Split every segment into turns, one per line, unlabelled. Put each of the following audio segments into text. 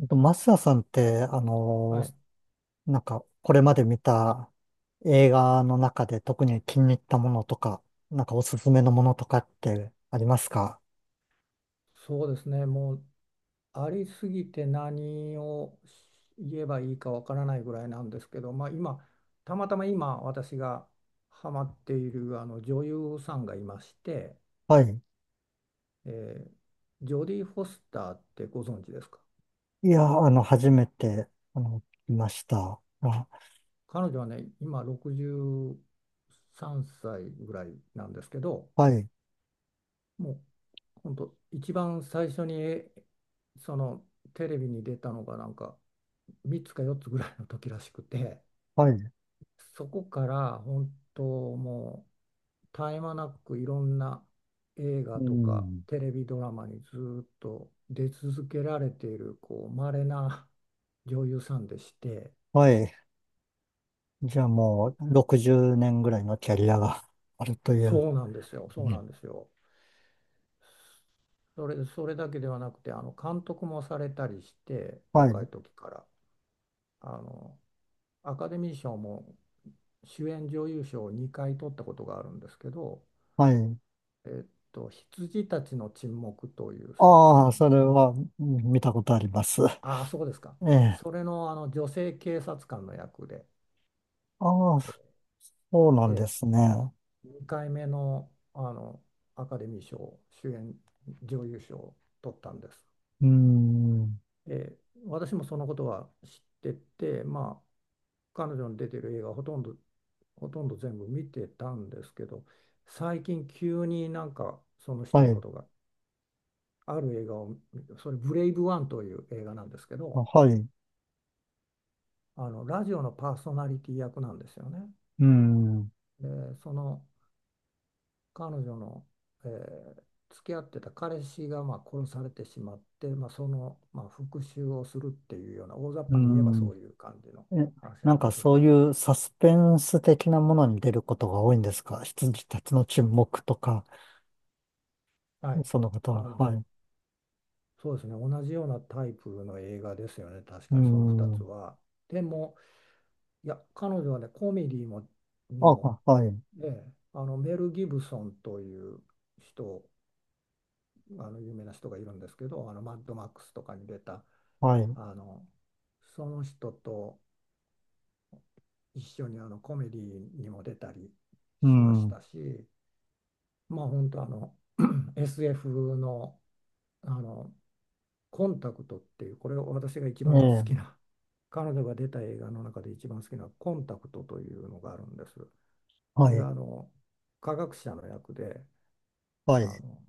マスヤさんって、
はい、
なんか、これまで見た映画の中で特に気に入ったものとか、なんかおすすめのものとかってありますか？
そうですね、もうありすぎて何を言えばいいかわからないぐらいなんですけど、まあ、今、たまたま今、私がハマっているあの女優さんがいまして、
はい。
えージョディ・フォスターってご存知ですか？
いや、初めて、聞きました。あ、
彼女はね、今63歳ぐらいなんですけど、
はい、
もう本当、一番最初にそのテレビに出たのが、なんか3つか4つぐらいの時らしくて。
はい、
そこから本当もう絶え間なくいろんな映画
う
とか
ん、
テレビドラマにずっと出続けられているこう稀な女優さんでして。
はい。じゃあも
お
う、60年ぐらいのキャリアが あるという。
そうなんですよ、
う
そうな
ん
んですよ。それだけではなくて、監督もされたりして、
は
若い
い、
時からあのアカデミー賞も主演女優賞を2回取ったことがあるんですけど、
はい。
「羊たちの沈黙」という作
あ
品、
あ、それは見たことあります。
ああ、そうですか。
ええ。
それの、女性警察官の役で、
ああ、そうなんで
え
すね。
え、2回目の、アカデミー賞、主演女優賞を取ったんです。
うーん。
ええ、私もそのことは知ってて、まあ、彼女の出てる映画ほとんど全部見てたんですけど、最近急になんかその人
は
のこ
い。
とが、ある映画を、それブレイブワンという映画なんですけ
あ
ど、
はい。う
ラジオのパーソナリティ役なんですよね。
ーん。う
で、その彼女の、えー付き合ってた彼氏がまあ殺されてしまって、まあ、その、まあ、復讐をするっていうような、大雑
ー
把に言えば
ん。
そういう感じの
え、
話な
なん
んで
か
すけ
そう
ど、
いうサスペンス的なものに出ることが多いんですか？羊たちの沈黙とか、
はい、
そのこと
あ
は。
の
はい。
そうですね、同じようなタイプの映画ですよね、確
うー
かにその2つ
ん。
は。でも、いや彼女はね、コメディもに
あ、
も
あはい。
ね、ええ、メル・ギブソンという人、有名な人がいるんですけど、マッドマックスとかに出た、
はい。う
あのその人と一緒にコメディにも出たり
ー
しまし
ん。
たし、まあ本当、SF の、あのコンタクトっていう、これを私が一
え
番好
え。
きな、彼女が出た映画の中で一番好きな、コンタクトというのがあるんです。
は
これ
い。
は科学者の役で、
はい。
あ
う
の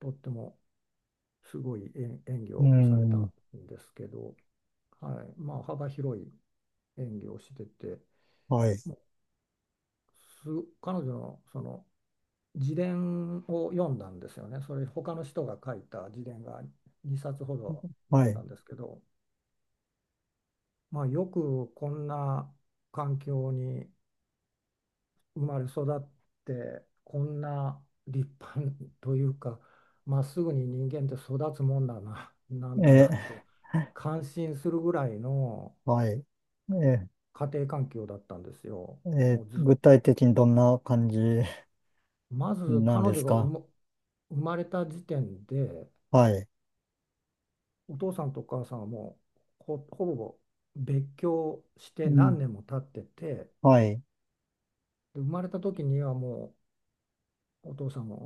とってもすごい演技
ー
をされた
ん。
んですけど、はい、まあ幅広い演技をしてて、
はい。
もうす彼女のその自伝を読んだんですよね。それ、他の人が書いた自伝が2冊ほど
は
読ん
い。
だんですけど、まあ、よくこんな環境に生まれ育って、こんな立派というか、まっすぐに人間って育つもんだな、なん
え
だなって
え。
感心するぐらいの
はい。ええ。
家庭環境だったんですよ。
ええ、
もうず、
具体的にどんな感じ
まず
なん
彼
で
女
す
が
か？
生まれた時点で、
はい。
お父さんとお母さんはもうほぼ別居し
う
て
ん。
何年も経ってて、
はい。
で、生まれた時にはもうお父さんは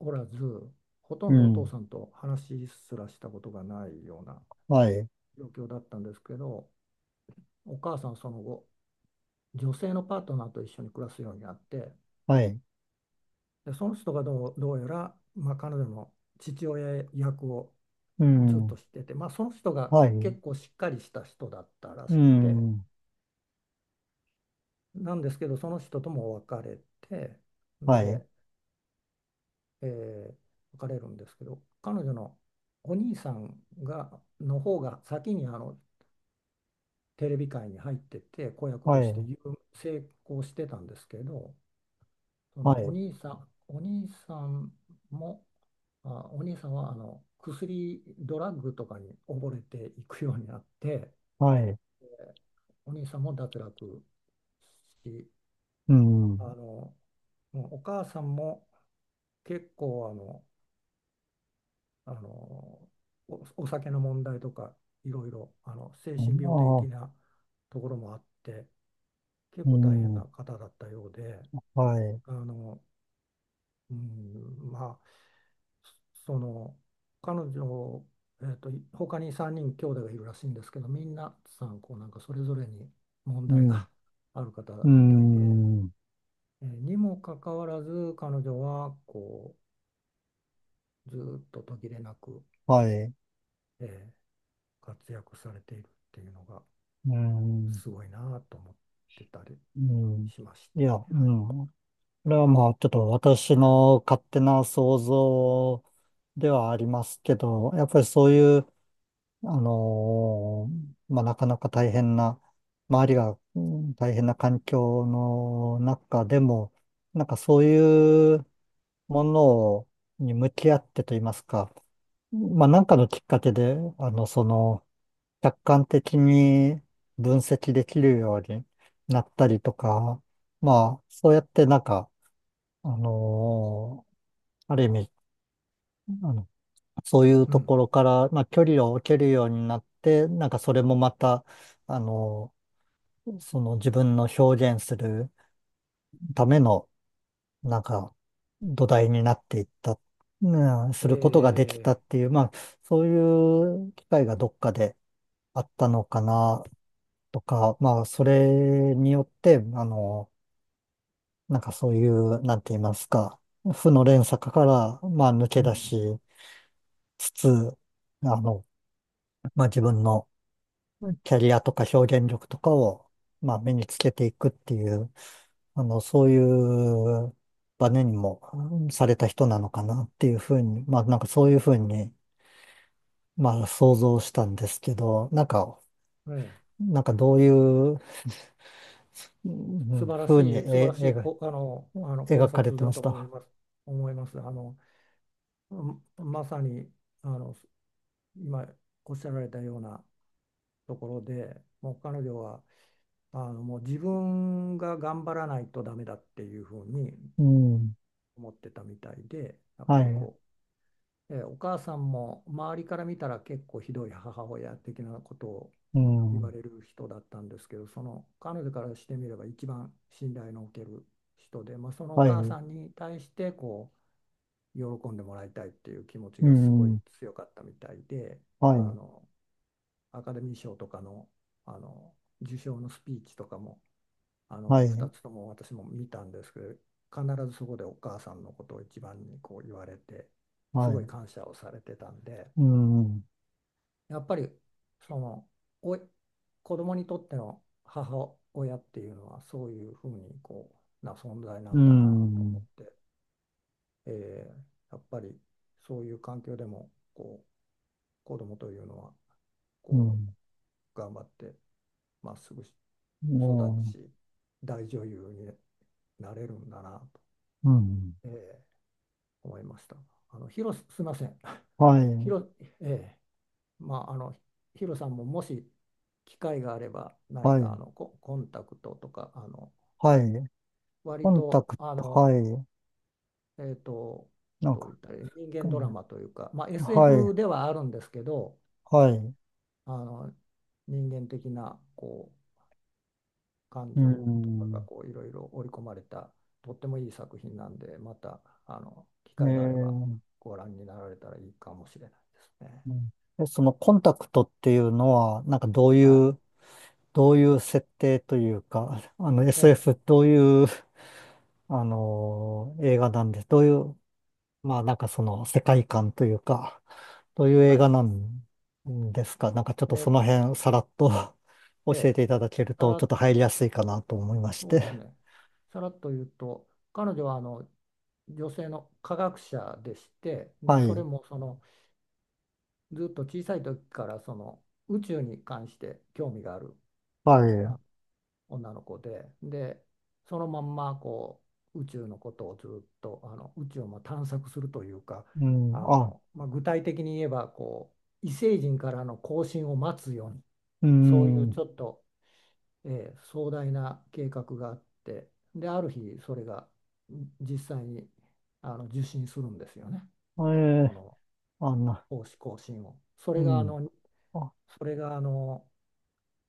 おらず、ほと
う
んどお父
ん。
さんと話すらしたことがないような
はい。
状況だったんですけど、お母さんはその後、女性のパートナーと一緒に暮らすようになって、
はい。
で、その人がどうやら、まあ、彼女の父親役を
う
ずっと
ん。
してて、まあ、その人が
はい。
結構しっかりした人だったら
う
しくて。
ん。
なんですけど、その人とも別れて、ん
はい。
で、えー別れるんですけど、彼女のお兄さんがの方が先にテレビ界に入ってて、子役
は
として
い。
成功してたんですけど、そ
は
のお
い。
兄さん、お兄さんも、お兄さんは薬、ドラッグとかに溺れていくようになって、
はい。
お兄さんも脱落し、
う
あ
ん。
の、もうお母さんも結構あのお、お酒の問題とか、いろいろ精
あ
神病
あ、
的なところもあって、結
う
構大変な
ん。
方だったようで、
はい。
あの、うん、まあその彼女、他に3人兄弟がいるらしいんですけど、みんなさん、こうなんかそれぞれに問
う
題
ん。
が ある方
う
みたいで、
ん。
にもかかわらず彼女はこう、ずーっと途切れなく、
はい。
えー活躍されているっていうのが
うん。
すごいなと思ってたり
うん。
しまし
いや、
て、
う
はい。
ん。これはまあ、ちょっと私の勝手な想像ではありますけど、やっぱりそういうあのまあ、なかなか大変な、周りが大変な環境の中でも、なんかそういうものをに向き合ってと言いますか、まあ、なんかのきっかけで、その、客観的に分析できるようになったりとか、まあ、そうやってなんか、あのーある意味、あのそういう
う
と
ん。
ころから、まあ、距離を置けるようになって、なんかそれもまた、あの、その自分の表現するための、なんか土台になっていった、うん、することがで
え
きたっていう、まあ、そういう機会がどっかであったのかな、とか、まあ、それによって、なんかそういう、なんて言いますか、負の連鎖から、まあ、抜け
う
出
ん。
しつつ、あの、まあ、自分のキャリアとか表現力とかを、まあ、身につけていくっていう、そういうバネにもされた人なのかなっていうふうに、まあ、なんかそういうふうに、まあ、想像したんですけど、なんか、
えー、
なんかどういう、う
素晴ら
ふうに
しい、素晴らしい
描
こ、あの、あの考
描かれ
察
て
だ
ま
と
し
思い
た。
ます。思います。あの、うんまさに、あの、今おっしゃられたようなところで、もう彼女は、あの、もう自分が頑張らないとダメだっていうふうに
うん。
思ってたみたいで、やっ
は
ぱり
い。
こう、お母さんも周りから見たら結構ひどい母親的なことを
う
言わ
ん。
れる人だったんですけど、その彼女からしてみれば一番信頼のおける人で、まあ、そのお
は
母
い。
さんに対してこう喜んでもらいたいっていう気持ち
う
がすごい
ん。
強かったみたいで、
は
あ
い。
のアカデミー賞とかの、あの受賞のスピーチとかも、
は
2
い。
つとも私も見たんですけど、必ずそこでお母さんのことを一番にこう言われて、す
は
ごい
い。
感謝をされてたんで。
うん。
やっぱりその、おい子供にとっての母親っていうのは、そういうふうにこうな存在な
う
んだなと思っ
ん。
て、えーやっぱりそういう環境でもこう、子供というのは
う
こ
ん。
う頑張って、まっすぐ育
も
ち、大女優になれるんだなと、
う、うん。
えー思いました。あの広す、すいません。
はい。
ええ、まあ、ヒロさんも、もし機会があれば何
は
か、
い、
コンタクトとか、あの
はい。コ
割
ンタ
と、
ク
あ
ト、
の、
はい。
えーと、
なん
どう
か、
言ったらいい、人
う
間ドラ
ん
マというか、まあ、
は
SF
い、
ではあるんですけど、
はい。
あの人間的なこう感
う
情とかが
ん。
こう、いろいろ織り込まれたとってもいい作品なんで、また機
ねえ
会があれば
ー
ご覧になられたらいいかもしれないですね。
うんそのコンタクトっていうのは、なんかどうい
は
う、どういう設定というか、
い。ええ、
SF どういう、映画なんで、どういう、まあなんかその世界観というか、どういう映
は
画
い。
なんですか？なんかちょっ
え
とそ
え、
の辺さらっと
え
教え
え。
ていただける
た
と、ちょ
ら
っと入りやすいかなと思いまし
そうです
て。
ね。さらっと言うと、彼女は女性の科学者でして、で、
は
それ
い、
もその、ずっと小さい時からその宇宙に関して興味がある
はい。
あ女の子で、で、そのまんま、こう宇宙のことをずっと、宇宙をまあ探索するというか、
うん、
あ
あ、
の、まあ、具体的に言えばこう、異星人からの交信を待つように、
う
そういう
ん、
ちょっと壮大な計画があって、である日それが実際に受信するんですよね、
え
そ
え、
の
あんな、
奉仕更新を。
うん、あ、
それがあの、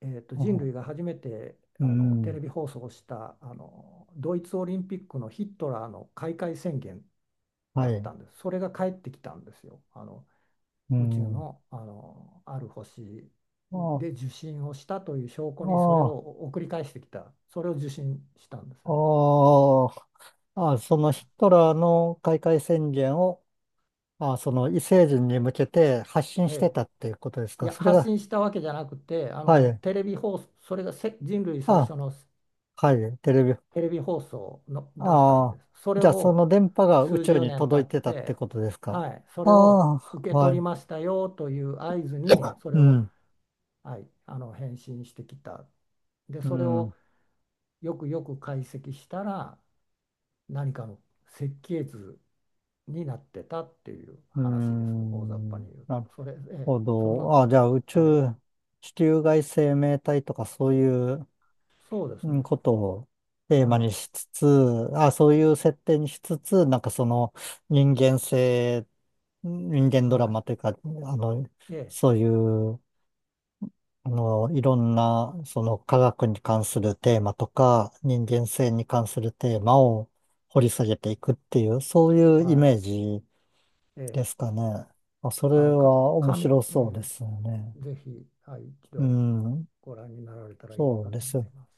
えーと、人
あ、
類が初めて
う
テ
ん、
レビ放送した、ドイツオリンピックのヒットラーの開会宣言
は
だった
い、
んです。それが帰ってきたんですよ。
う
宇宙
ん、
の、あのある星
あ、
で受信をしたという証拠にそれを
あ、
送り返してきた、それを受信したんですよね。
あ、あ、そのヒトラーの開会宣言を、あ、その異星人に向けて発信
え
して
え、
たっていうことです
い
か？
や
それ
発
が、
信したわけじゃなくて、
はい、
テレビ放送、それが人類最
あ、
初の
はい、テレビ、
テレビ放送のだった
あ
んで
あ、
す、それ
じゃあそ
を
の電波が宇
数
宙
十
に
年経
届い
っ
てたって
て、
ことですか？
はい、そ
あ
れを
あ、
受け
は
取り
い、
ましたよという合図にそ
う
れを、
ん、
はい、返信してきた。で
う
それ
ん、
をよくよく解析したら何かの設計図になってたっていう
う
話です、大雑把
ん、
に言う
な
と。
る
それ、ええ、
ほ
その、
ど。あ、じゃあ宇
はい、
宙、地球外生命体とかそういう
そうです
うん
ね。
ことをテー
は
マに
い。
しつつ、あ、そういう設定にしつつ、なんかその人間性、人間ドラ
は
マというか、の、
い。ええ、
そういう、いろんな、その科学に関するテーマとか、人間性に関するテーマを掘り下げていくっていう、そういうイメ
は
ージ
い。え
で
え、
すかね。まあ、それ
あの、か、
は面
え
白そうですよ
え、
ね。
ぜひ、はい、一
う
度
ん。
ご覧になられたらいい
そ
か
うで
と思
す。
います。